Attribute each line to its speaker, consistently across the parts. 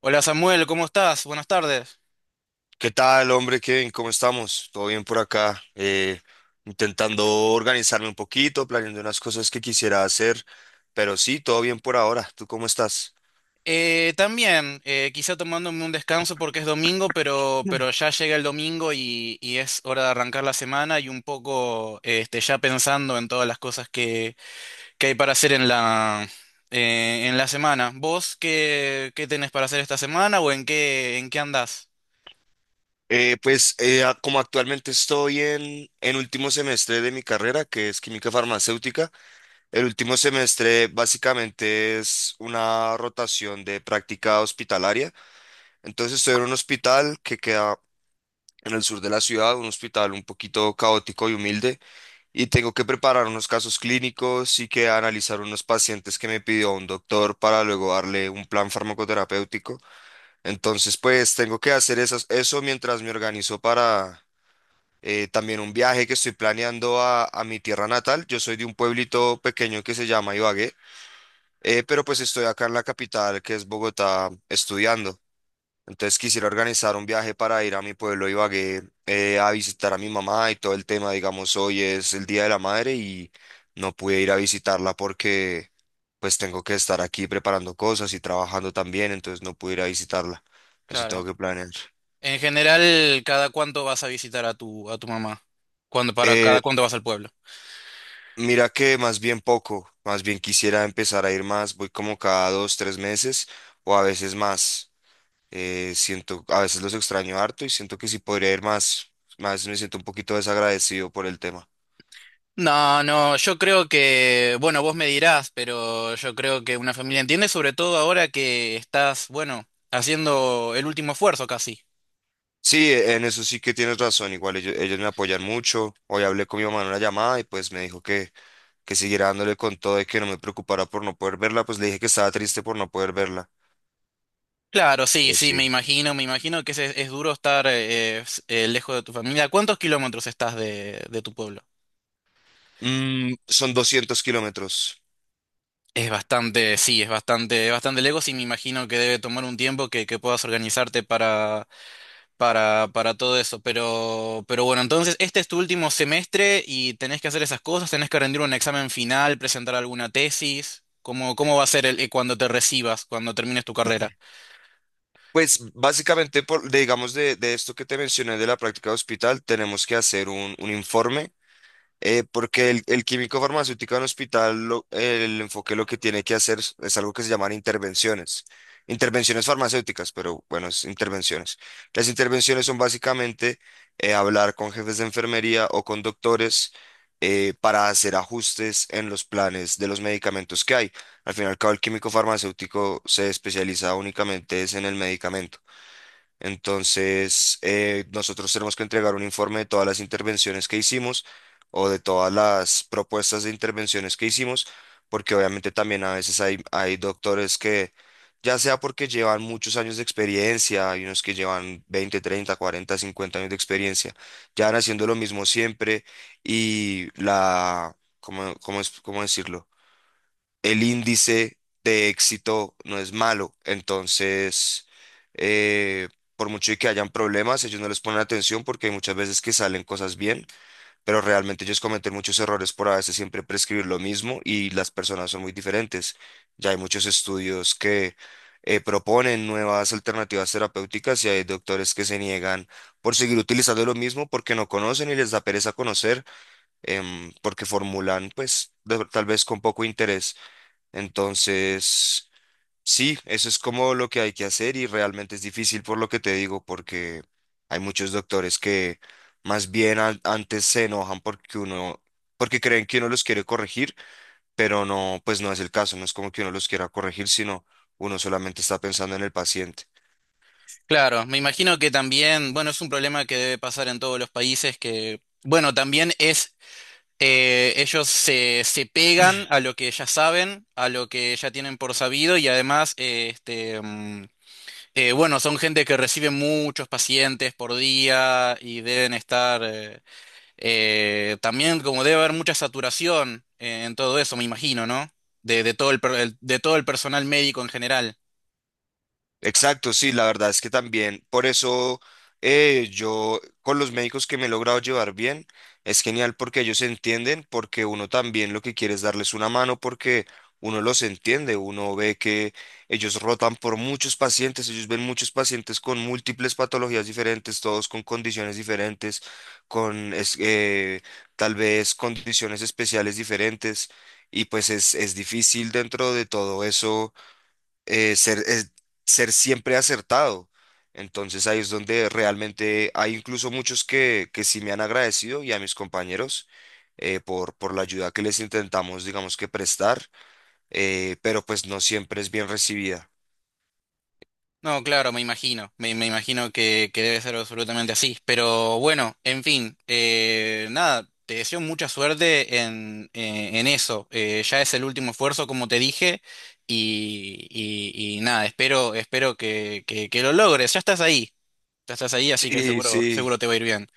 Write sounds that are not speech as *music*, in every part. Speaker 1: Hola Samuel, ¿cómo estás? Buenas tardes.
Speaker 2: ¿Qué tal, hombre Kevin? ¿Cómo estamos? ¿Todo bien por acá? Intentando organizarme un poquito, planeando unas cosas que quisiera hacer, pero sí, todo bien por ahora. ¿Tú cómo estás?
Speaker 1: También, quizá tomándome un descanso porque es domingo, pero
Speaker 2: Mm.
Speaker 1: ya llega el domingo y es hora de arrancar la semana y un poco ya pensando en todas las cosas que hay para hacer en la semana. ¿Vos qué tenés para hacer esta semana o en qué andás?
Speaker 2: Pues como actualmente estoy en último semestre de mi carrera, que es química farmacéutica, el último semestre básicamente es una rotación de práctica hospitalaria. Entonces estoy en un hospital que queda en el sur de la ciudad, un hospital un poquito caótico y humilde, y tengo que preparar unos casos clínicos y que analizar unos pacientes que me pidió un doctor para luego darle un plan farmacoterapéutico. Entonces, pues tengo que hacer esas, eso mientras me organizo para también un viaje que estoy planeando a mi tierra natal. Yo soy de un pueblito pequeño que se llama Ibagué, pero pues estoy acá en la capital, que es Bogotá, estudiando. Entonces quisiera organizar un viaje para ir a mi pueblo Ibagué a visitar a mi mamá y todo el tema. Digamos, hoy es el Día de la Madre y no pude ir a visitarla porque pues tengo que estar aquí preparando cosas y trabajando también, entonces no pude ir a visitarla. Eso tengo
Speaker 1: Claro.
Speaker 2: que planear.
Speaker 1: En general, ¿cada cuánto vas a visitar a tu mamá? ¿Cuándo, para
Speaker 2: Eh,
Speaker 1: cada cuánto vas al pueblo?
Speaker 2: mira que más bien poco, más bien quisiera empezar a ir más, voy como cada dos, tres meses o a veces más. Siento, a veces los extraño harto y siento que si podría ir más, a veces me siento un poquito desagradecido por el tema.
Speaker 1: No, no, yo creo que, bueno, vos me dirás, pero yo creo que una familia entiende, sobre todo ahora que estás, bueno, haciendo el último esfuerzo casi.
Speaker 2: Sí, en eso sí que tienes razón. Igual ellos me apoyan mucho. Hoy hablé con mi mamá en una llamada y pues me dijo que siguiera dándole con todo y que no me preocupara por no poder verla. Pues le dije que estaba triste por no poder verla.
Speaker 1: Claro, sí,
Speaker 2: Pero
Speaker 1: sí,
Speaker 2: sí.
Speaker 1: me imagino que es duro estar lejos de tu familia. ¿Cuántos kilómetros estás de tu pueblo?
Speaker 2: Son 200 kilómetros.
Speaker 1: Es bastante, sí, es bastante lejos y me imagino que debe tomar un tiempo que puedas organizarte para todo eso. Pero bueno, entonces este es tu último semestre y tenés que hacer esas cosas, tenés que rendir un examen final, presentar alguna tesis. ¿Cómo va a ser cuando te recibas, cuando termines tu carrera?
Speaker 2: Pues básicamente, digamos, de esto que te mencioné de la práctica de hospital, tenemos que hacer un informe porque el químico farmacéutico en hospital, lo- el enfoque lo que tiene que hacer es algo que se llaman intervenciones. Intervenciones farmacéuticas, pero bueno, es intervenciones. Las intervenciones son básicamente hablar con jefes de enfermería o con doctores para hacer ajustes en los planes de los medicamentos que hay. Al final, el químico farmacéutico se especializa únicamente es en el medicamento. Entonces, nosotros tenemos que entregar un informe de todas las intervenciones que hicimos o de todas las propuestas de intervenciones que hicimos, porque obviamente también a veces hay doctores que, ya sea porque llevan muchos años de experiencia, hay unos que llevan 20, 30, 40, 50 años de experiencia, ya van haciendo lo mismo siempre y la, ¿cómo, cómo es, cómo decirlo? El índice de éxito no es malo. Entonces, eh, por mucho y que hayan problemas, ellos no les ponen atención porque hay muchas veces que salen cosas bien, pero realmente ellos cometen muchos errores por a veces siempre prescribir lo mismo y las personas son muy diferentes. Ya hay muchos estudios que proponen nuevas alternativas terapéuticas y hay doctores que se niegan por seguir utilizando lo mismo porque no conocen y les da pereza conocer, porque formulan pues tal vez con poco interés. Entonces, sí, eso es como lo que hay que hacer y realmente es difícil por lo que te digo, porque hay muchos doctores que más bien antes se enojan porque uno, porque creen que uno los quiere corregir, pero no, pues no es el caso, no es como que uno los quiera corregir, sino uno solamente está pensando en el paciente.
Speaker 1: Claro, me imagino que también, bueno, es un problema que debe pasar en todos los países que, bueno, también es, ellos se pegan a lo que ya saben, a lo que ya tienen por sabido y además, bueno, son gente que recibe muchos pacientes por día y deben estar también como debe haber mucha saturación en todo eso, me imagino, ¿no? De todo de todo el personal médico en general.
Speaker 2: Exacto, sí, la verdad es que también, por eso yo con los médicos que me he logrado llevar bien, es genial porque ellos se entienden, porque uno también lo que quiere es darles una mano, porque uno los entiende, uno ve que ellos rotan por muchos pacientes, ellos ven muchos pacientes con múltiples patologías diferentes, todos con condiciones diferentes, con tal vez condiciones especiales diferentes, y pues es difícil dentro de todo eso eh, ser, es- ser siempre acertado. Entonces ahí es donde realmente hay incluso muchos que sí me han agradecido y a mis compañeros por la ayuda que les intentamos, digamos, que prestar, pero pues no siempre es bien recibida.
Speaker 1: No, claro, me imagino, me imagino que debe ser absolutamente así. Pero bueno, en fin, nada, te deseo mucha suerte en eso. Ya es el último esfuerzo, como te dije, y nada, espero que lo logres. Ya estás ahí, así que
Speaker 2: Sí,
Speaker 1: seguro, seguro
Speaker 2: sí.
Speaker 1: te va a ir bien.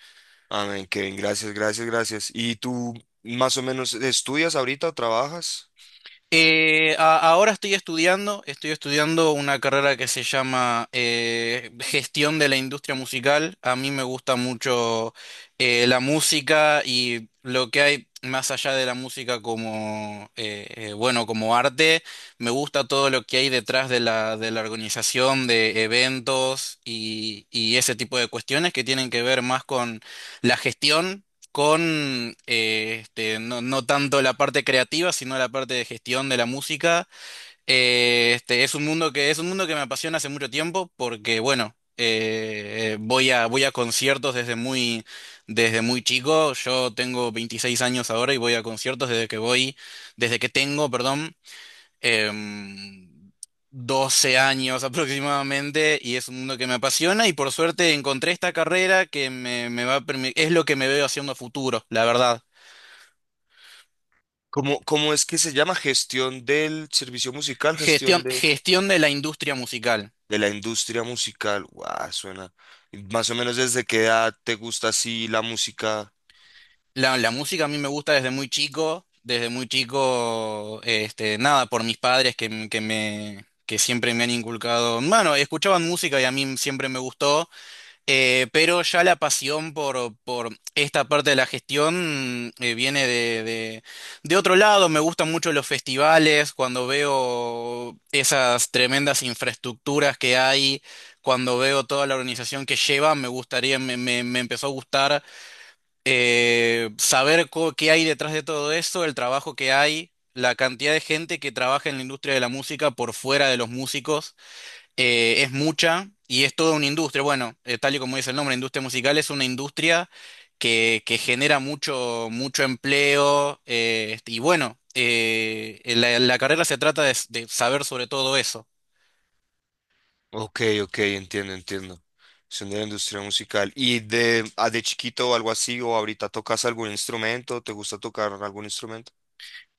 Speaker 2: Amén, Kevin, gracias, gracias, gracias. ¿Y tú más o menos estudias ahorita o trabajas?
Speaker 1: Ahora estoy estudiando una carrera que se llama Gestión de la Industria Musical. A mí me gusta mucho la música y lo que hay más allá de la música como, bueno, como arte. Me gusta todo lo que hay detrás de de la organización de eventos y ese tipo de cuestiones que tienen que ver más con la gestión con no, no tanto la parte creativa, sino la parte de gestión de la música. Es un mundo es un mundo que me apasiona hace mucho tiempo porque, bueno, voy voy a conciertos desde muy chico. Yo tengo 26 años ahora y voy a conciertos desde que voy, desde que tengo, perdón em, 12 años aproximadamente y es un mundo que me apasiona y por suerte encontré esta carrera que me va a es lo que me veo haciendo a futuro, la verdad.
Speaker 2: ¿Cómo, cómo es que se llama? ¿Gestión del servicio musical, gestión
Speaker 1: Gestión,
Speaker 2: de...?
Speaker 1: gestión de la industria musical.
Speaker 2: De la industria musical, guau, suena. Y más o menos, ¿desde qué edad te gusta así la música?
Speaker 1: La música a mí me gusta desde muy chico, este, nada, por mis padres que me... que siempre me han inculcado, bueno, escuchaban música y a mí siempre me gustó. Pero ya la pasión por esta parte de la gestión viene de otro lado. Me gustan mucho los festivales, cuando veo esas tremendas infraestructuras que hay, cuando veo toda la organización que lleva, me empezó a gustar saber qué hay detrás de todo eso, el trabajo que hay, la cantidad de gente que trabaja en la industria de la música por fuera de los músicos es mucha y es toda una industria. Bueno, tal y como dice el nombre, industria musical es una industria que genera mucho empleo y bueno, la carrera se trata de saber sobre todo eso.
Speaker 2: Ok, ok, entiendo, entiendo. Son de la industria musical. ¿Y de, ah, de chiquito o algo así? ¿O ahorita tocas algún instrumento? ¿Te gusta tocar algún instrumento?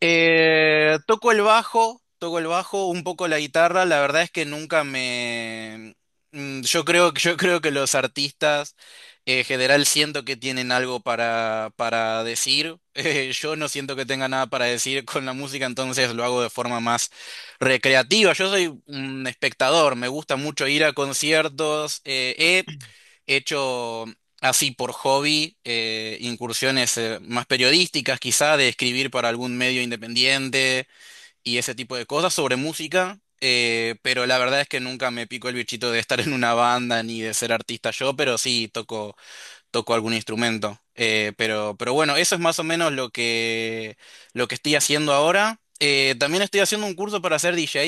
Speaker 1: Toco el bajo, toco el bajo, un poco la guitarra. La verdad es que nunca me. Yo creo que los artistas en general siento que tienen algo para decir. *laughs* Yo no siento que tenga nada para decir con la música, entonces lo hago de forma más recreativa. Yo soy un espectador, me gusta mucho ir a conciertos. He hecho así por hobby incursiones más periodísticas, quizá de escribir para algún medio independiente y ese tipo de cosas sobre música, pero la verdad es que nunca me pico el bichito de estar en una banda ni de ser artista yo, pero sí toco toco algún instrumento. Pero bueno, eso es más o menos lo lo que estoy haciendo ahora. También estoy haciendo un curso para ser DJ,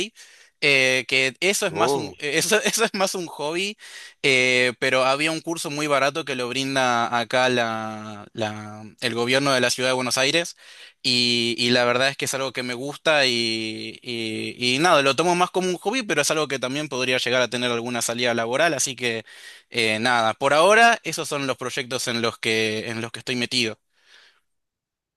Speaker 1: que eso es más
Speaker 2: Oh,
Speaker 1: un, eso, *laughs* eso es más un hobby, pero había un curso muy barato que lo brinda acá el gobierno de la ciudad de Buenos Aires. Y la verdad es que es algo que me gusta y nada, lo tomo más como un hobby, pero es algo que también podría llegar a tener alguna salida laboral, así que nada, por ahora esos son los proyectos en los que estoy metido.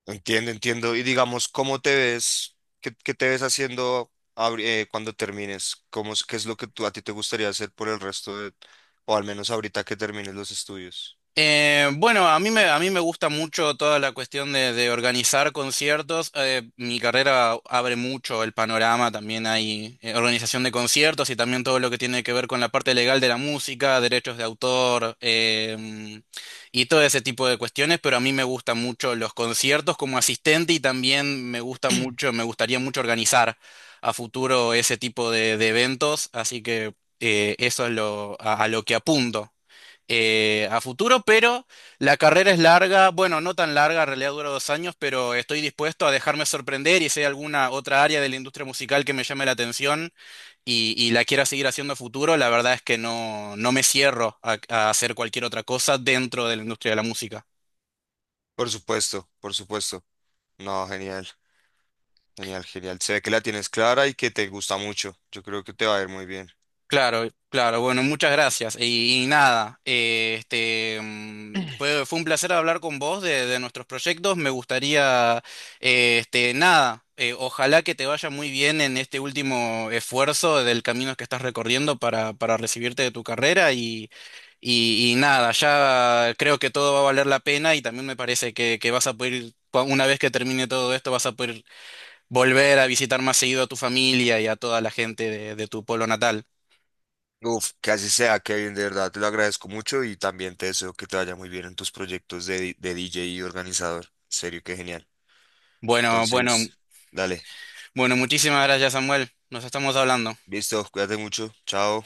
Speaker 2: entiendo, entiendo. Y digamos, ¿cómo te ves? ¿Qué, qué te ves haciendo cuando termines? ¿Cómo, qué es lo que tú, a ti te gustaría hacer por el resto de, o al menos ahorita que termines los estudios?
Speaker 1: Bueno, a mí me gusta mucho toda la cuestión de organizar conciertos. Mi carrera abre mucho el panorama, también hay organización de conciertos y también todo lo que tiene que ver con la parte legal de la música, derechos de autor y todo ese tipo de cuestiones, pero a mí me gustan mucho los conciertos como asistente y también me gusta mucho, me gustaría mucho organizar a futuro ese tipo de eventos, así que eso es lo, a lo que apunto a futuro, pero la carrera es larga, bueno, no tan larga, en realidad dura dos años, pero estoy dispuesto a dejarme sorprender y si hay alguna otra área de la industria musical que me llame la atención y la quiera seguir haciendo a futuro, la verdad es que no, no me cierro a hacer cualquier otra cosa dentro de la industria de la música.
Speaker 2: Por supuesto, por supuesto. No, genial. Genial, genial. Se ve que la tienes clara y que te gusta mucho. Yo creo que te va a ir muy bien.
Speaker 1: Claro, claro, bueno, muchas gracias. Y nada, fue, fue un placer hablar con vos de nuestros proyectos. Me gustaría, nada, ojalá que te vaya muy bien en este último esfuerzo del camino que estás recorriendo para recibirte de tu carrera y nada, ya creo que todo va a valer la pena y también me parece que vas a poder, una vez que termine todo esto, vas a poder volver a visitar más seguido a tu familia y a toda la gente de tu pueblo natal.
Speaker 2: Uf, que así sea, Kevin, de verdad, te lo agradezco mucho y también te deseo que te vaya muy bien en tus proyectos de DJ y organizador. En serio, qué genial.
Speaker 1: Bueno, bueno,
Speaker 2: Entonces, dale.
Speaker 1: bueno, muchísimas gracias, Samuel. Nos estamos hablando.
Speaker 2: Listo, cuídate mucho. Chao.